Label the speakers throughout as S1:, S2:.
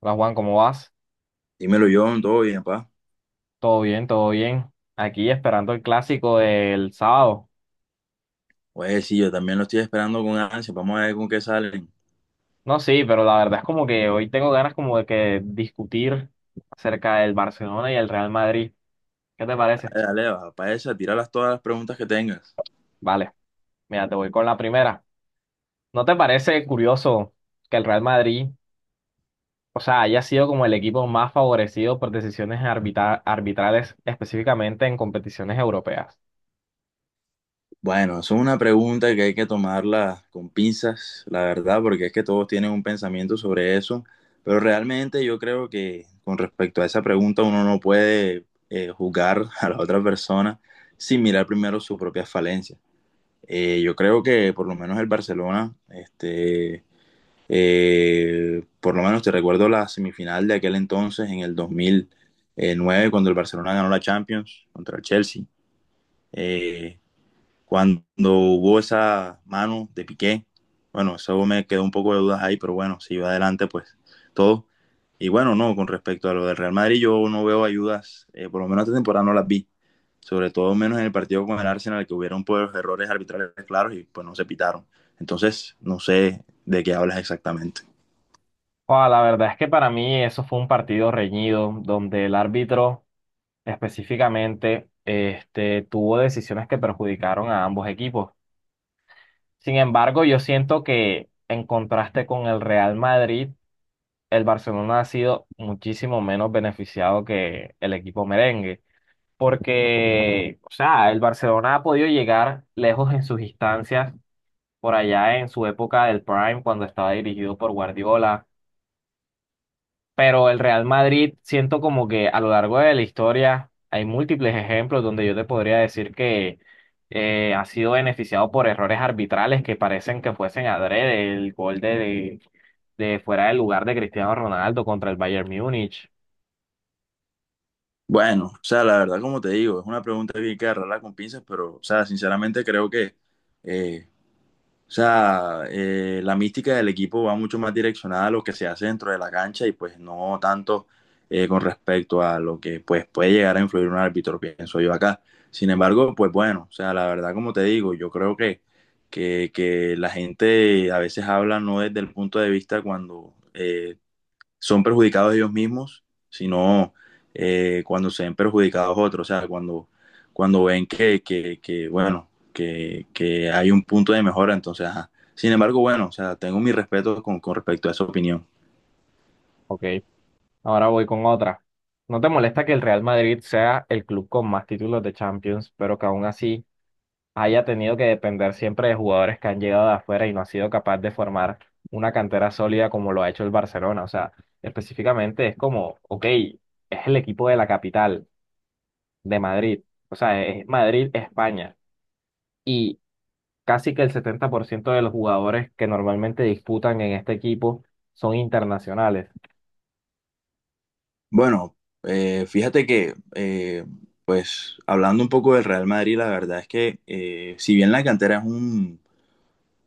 S1: Hola Juan, ¿cómo vas?
S2: Dímelo, John, todo bien, pa.
S1: Todo bien, todo bien. Aquí esperando el clásico del sábado.
S2: Pues sí, yo también lo estoy esperando con ansia. Vamos a ver con qué salen.
S1: No, sí, pero la verdad es como que hoy tengo ganas como de que discutir acerca del Barcelona y el Real Madrid. ¿Qué te parece?
S2: Dale, dale, va, pa esa, tíralas todas las preguntas que tengas.
S1: Vale, mira, te voy con la primera. ¿No te parece curioso que el Real Madrid, o sea, haya sido como el equipo más favorecido por decisiones arbitrales, específicamente en competiciones europeas?
S2: Bueno, eso es una pregunta que hay que tomarla con pinzas, la verdad, porque es que todos tienen un pensamiento sobre eso. Pero realmente yo creo que con respecto a esa pregunta uno no puede juzgar a la otra persona sin mirar primero sus propias falencias. Yo creo que por lo menos el Barcelona, por lo menos te recuerdo la semifinal de aquel entonces, en el 2009, cuando el Barcelona ganó la Champions contra el Chelsea. Eh, cuando hubo esa mano de Piqué, bueno, eso me quedó un poco de dudas ahí, pero bueno, si va adelante, pues todo. Y bueno, no, con respecto a lo del Real Madrid, yo no veo ayudas, por lo menos esta temporada no las vi, sobre todo menos en el partido con el Arsenal, que hubieron pues, errores arbitrales claros y pues no se pitaron. Entonces, no sé de qué hablas exactamente.
S1: O la verdad es que para mí eso fue un partido reñido, donde el árbitro específicamente este, tuvo decisiones que perjudicaron a ambos equipos. Sin embargo, yo siento que en contraste con el Real Madrid, el Barcelona ha sido muchísimo menos beneficiado que el equipo merengue, porque, o sea, el Barcelona ha podido llegar lejos en sus instancias, por allá en su época del Prime, cuando estaba dirigido por Guardiola. Pero el Real Madrid, siento como que a lo largo de la historia hay múltiples ejemplos donde yo te podría decir que ha sido beneficiado por errores arbitrales que parecen que fuesen adrede. El gol de fuera del lugar de Cristiano Ronaldo contra el Bayern Múnich.
S2: Bueno, o sea, la verdad, como te digo, es una pregunta bien que agarrarla con pinzas, pero, o sea, sinceramente creo que, eh, o sea, la mística del equipo va mucho más direccionada a lo que se hace dentro de la cancha y pues no tanto con respecto a lo que pues puede llegar a influir un árbitro, pienso yo acá. Sin embargo, pues bueno, o sea, la verdad, como te digo, yo creo que, que la gente a veces habla no desde el punto de vista cuando... son perjudicados ellos mismos, sino cuando se ven perjudicados otros, o sea, cuando ven que, que bueno, hay un punto de mejora, entonces, ajá. Sin embargo, bueno, o sea, tengo mi respeto con respecto a esa opinión.
S1: Ok, ahora voy con otra. ¿No te molesta que el Real Madrid sea el club con más títulos de Champions, pero que aún así haya tenido que depender siempre de jugadores que han llegado de afuera y no ha sido capaz de formar una cantera sólida como lo ha hecho el Barcelona? O sea, específicamente es como, ok, es el equipo de la capital, de Madrid. O sea, es Madrid, España. Y casi que el 70% de los jugadores que normalmente disputan en este equipo son internacionales.
S2: Bueno, fíjate que, pues, hablando un poco del Real Madrid, la verdad es que, si bien la cantera es un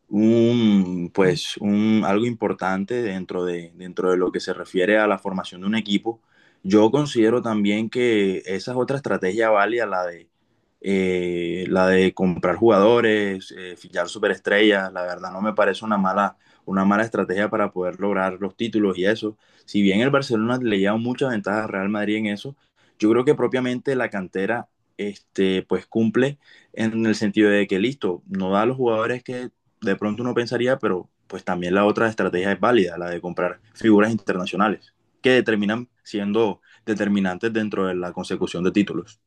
S2: un, pues, algo importante dentro de lo que se refiere a la formación de un equipo. Yo considero también que esa es otra estrategia válida, la de comprar jugadores, fichar superestrellas. La verdad no me parece una mala estrategia para poder lograr los títulos y eso. Si bien el Barcelona le lleva muchas ventajas a Real Madrid en eso, yo creo que propiamente la cantera pues cumple en el sentido de que listo, no da a los jugadores que de pronto uno pensaría, pero pues también la otra estrategia es válida, la de comprar figuras internacionales, que determinan siendo determinantes dentro de la consecución de títulos.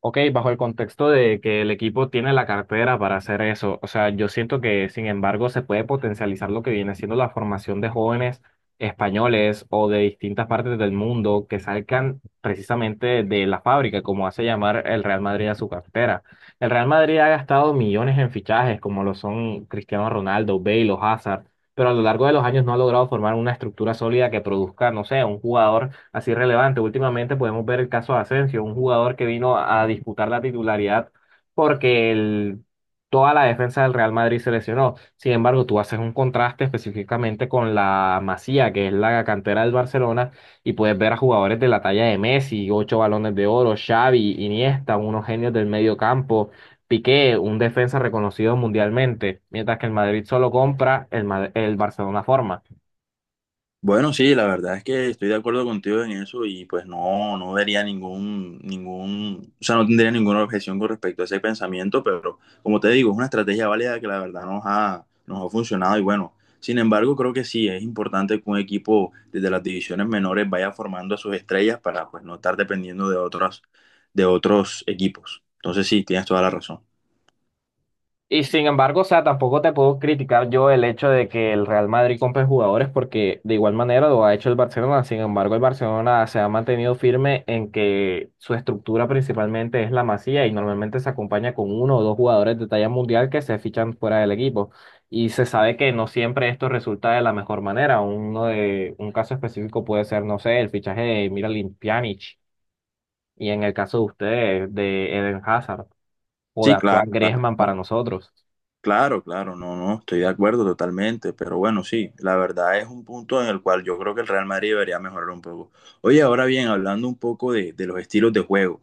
S1: Ok, bajo el contexto de que el equipo tiene la cartera para hacer eso, o sea, yo siento que sin embargo se puede potencializar lo que viene siendo la formación de jóvenes españoles o de distintas partes del mundo que salgan precisamente de la fábrica, como hace llamar el Real Madrid a su cartera. El Real Madrid ha gastado millones en fichajes, como lo son Cristiano Ronaldo, Bale o Hazard, pero a lo largo de los años no ha logrado formar una estructura sólida que produzca, no sé, un jugador así relevante. Últimamente podemos ver el caso de Asensio, un jugador que vino a disputar la titularidad porque toda la defensa del Real Madrid se lesionó. Sin embargo, tú haces un contraste específicamente con la Masía, que es la cantera del Barcelona, y puedes ver a jugadores de la talla de Messi, ocho balones de oro, Xavi, Iniesta, unos genios del medio campo. Piqué, un defensa reconocido mundialmente, mientras que el Madrid solo compra, el Barcelona forma.
S2: Bueno, sí, la verdad es que estoy de acuerdo contigo en eso y pues no, no vería o sea, no tendría ninguna objeción con respecto a ese pensamiento, pero como te digo, es una estrategia válida que la verdad nos ha funcionado y bueno, sin embargo, creo que sí, es importante que un equipo desde las divisiones menores vaya formando a sus estrellas para pues no estar dependiendo de otros equipos. Entonces sí, tienes toda la razón.
S1: Y sin embargo, o sea, tampoco te puedo criticar yo el hecho de que el Real Madrid compre jugadores porque de igual manera lo ha hecho el Barcelona. Sin embargo, el Barcelona se ha mantenido firme en que su estructura principalmente es la Masía y normalmente se acompaña con uno o dos jugadores de talla mundial que se fichan fuera del equipo. Y se sabe que no siempre esto resulta de la mejor manera. Uno de un caso específico puede ser, no sé, el fichaje de Miralem Pjanic y en el caso de ustedes de Eden Hazard o de
S2: Sí, claro.
S1: actual Griezmann
S2: Claro.
S1: para nosotros.
S2: Claro, claro, no, no, estoy de acuerdo totalmente, pero bueno, sí, la verdad es un punto en el cual yo creo que el Real Madrid debería mejorar un poco. Oye, ahora bien, hablando un poco de los estilos de juego,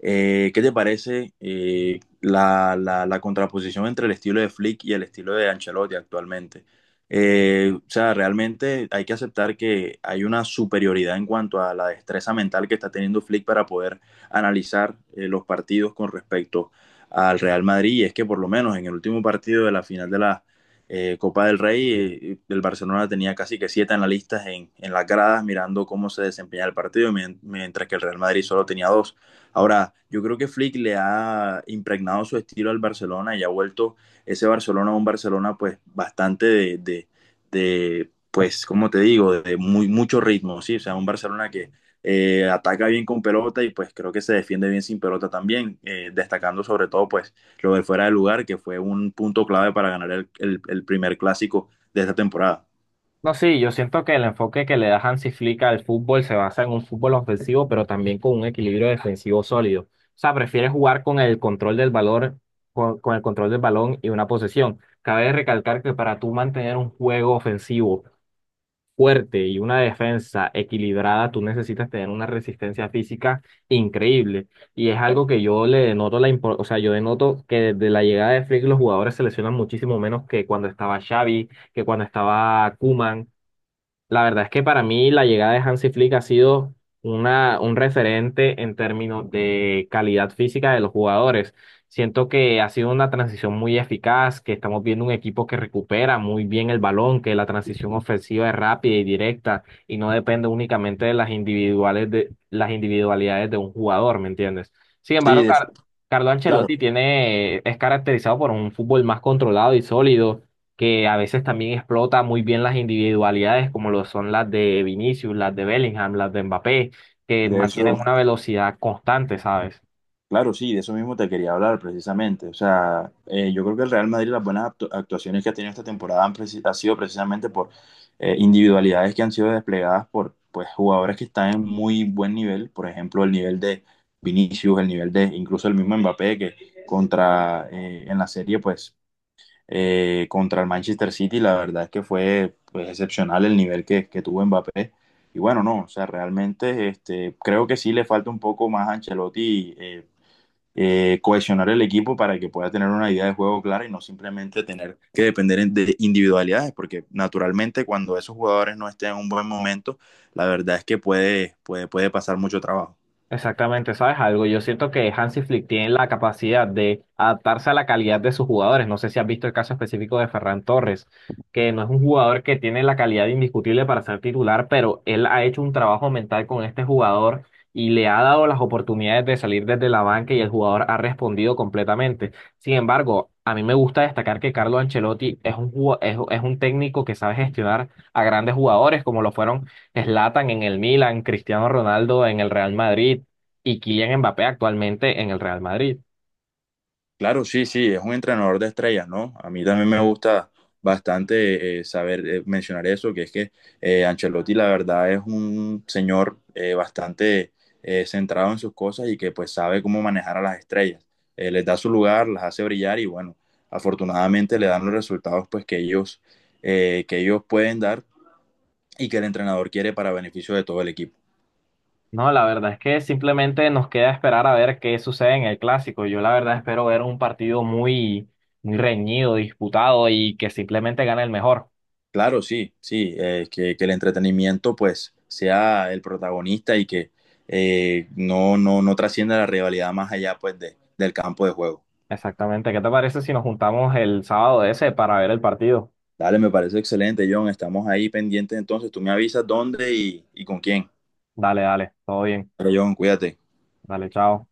S2: ¿qué te parece la la contraposición entre el estilo de Flick y el estilo de Ancelotti actualmente? O sea, realmente hay que aceptar que hay una superioridad en cuanto a la destreza mental que está teniendo Flick para poder analizar los partidos con respecto al Real Madrid. Y es que por lo menos en el último partido de la final de la Copa del Rey, el Barcelona tenía casi que siete analistas en las gradas mirando cómo se desempeñaba el partido, mientras que el Real Madrid solo tenía dos. Ahora, yo creo que Flick le ha impregnado su estilo al Barcelona y ha vuelto ese Barcelona a un Barcelona pues bastante de pues, como te digo, de mucho ritmo, ¿sí? O sea, un Barcelona que ataca bien con pelota y pues creo que se defiende bien sin pelota también, destacando sobre todo pues lo de fuera de lugar, que fue un punto clave para ganar el primer clásico de esta temporada.
S1: No, sí, yo siento que el enfoque que le da Hansi Flick al fútbol se basa en un fútbol ofensivo, pero también con un equilibrio defensivo sólido. O sea, prefiere jugar con el control del balón, con el control del balón y una posesión. Cabe recalcar que para tú mantener un juego ofensivo fuerte y una defensa equilibrada, tú necesitas tener una resistencia física increíble. Y es algo que yo le denoto o sea, yo denoto que desde la llegada de Flick los jugadores se lesionan muchísimo menos que cuando estaba Xavi, que cuando estaba Koeman. La verdad es que para mí la llegada de Hansi Flick ha sido un referente en términos de calidad física de los jugadores. Siento que ha sido una transición muy eficaz, que estamos viendo un equipo que recupera muy bien el balón, que la transición ofensiva es rápida y directa y no depende únicamente de las individualidades de un jugador, ¿me entiendes? Sin embargo, Carlo Ancelotti es caracterizado por un fútbol más controlado y sólido que a veces también explota muy bien las individualidades, como lo son las de Vinicius, las de Bellingham, las de Mbappé, que
S2: De
S1: mantienen
S2: eso,
S1: una velocidad constante, ¿sabes?
S2: Claro, sí, de eso mismo te quería hablar precisamente. O sea, yo creo que el Real Madrid, las buenas actuaciones que ha tenido esta temporada ha sido precisamente por individualidades que han sido desplegadas por pues, jugadores que están en muy buen nivel. Por ejemplo, el nivel de Vinicius, el nivel de incluso el mismo Mbappé, que contra en la serie, pues contra el Manchester City, la verdad es que fue pues, excepcional el nivel que tuvo Mbappé. Y bueno, no, o sea, realmente este, creo que sí le falta un poco más a Ancelotti. Cohesionar el equipo para que pueda tener una idea de juego clara y no simplemente tener que depender de individualidades, porque naturalmente cuando esos jugadores no estén en un buen momento, la verdad es que puede pasar mucho trabajo.
S1: Exactamente, ¿sabes algo? Yo siento que Hansi Flick tiene la capacidad de adaptarse a la calidad de sus jugadores. No sé si has visto el caso específico de Ferran Torres, que no es un jugador que tiene la calidad indiscutible para ser titular, pero él ha hecho un trabajo mental con este jugador y le ha dado las oportunidades de salir desde la banca y el jugador ha respondido completamente. Sin embargo, a mí me gusta destacar que Carlo Ancelotti es un técnico que sabe gestionar a grandes jugadores como lo fueron: Zlatan en el Milan, Cristiano Ronaldo en el Real Madrid, y Kylian Mbappé actualmente en el Real Madrid.
S2: Claro, sí, sí, es un entrenador de estrellas, ¿no? A mí también me gusta bastante saber mencionar eso, que es que Ancelotti la verdad es un señor bastante centrado en sus cosas y que pues sabe cómo manejar a las estrellas. Les da su lugar, las hace brillar y bueno, afortunadamente le dan los resultados pues que ellos pueden dar y que el entrenador quiere para beneficio de todo el equipo.
S1: No, la verdad es que simplemente nos queda esperar a ver qué sucede en el clásico. Yo la verdad espero ver un partido muy, muy reñido, disputado y que simplemente gane el mejor.
S2: Claro, sí, sí, que el entretenimiento pues sea el protagonista y que no, no, no trascienda la rivalidad más allá pues del campo de juego.
S1: Exactamente. ¿Qué te parece si nos juntamos el sábado ese para ver el partido?
S2: Dale, me parece excelente, John. Estamos ahí pendientes entonces. Tú me avisas dónde y con quién.
S1: Dale, dale, todo bien.
S2: Pero John, cuídate.
S1: Dale, chao.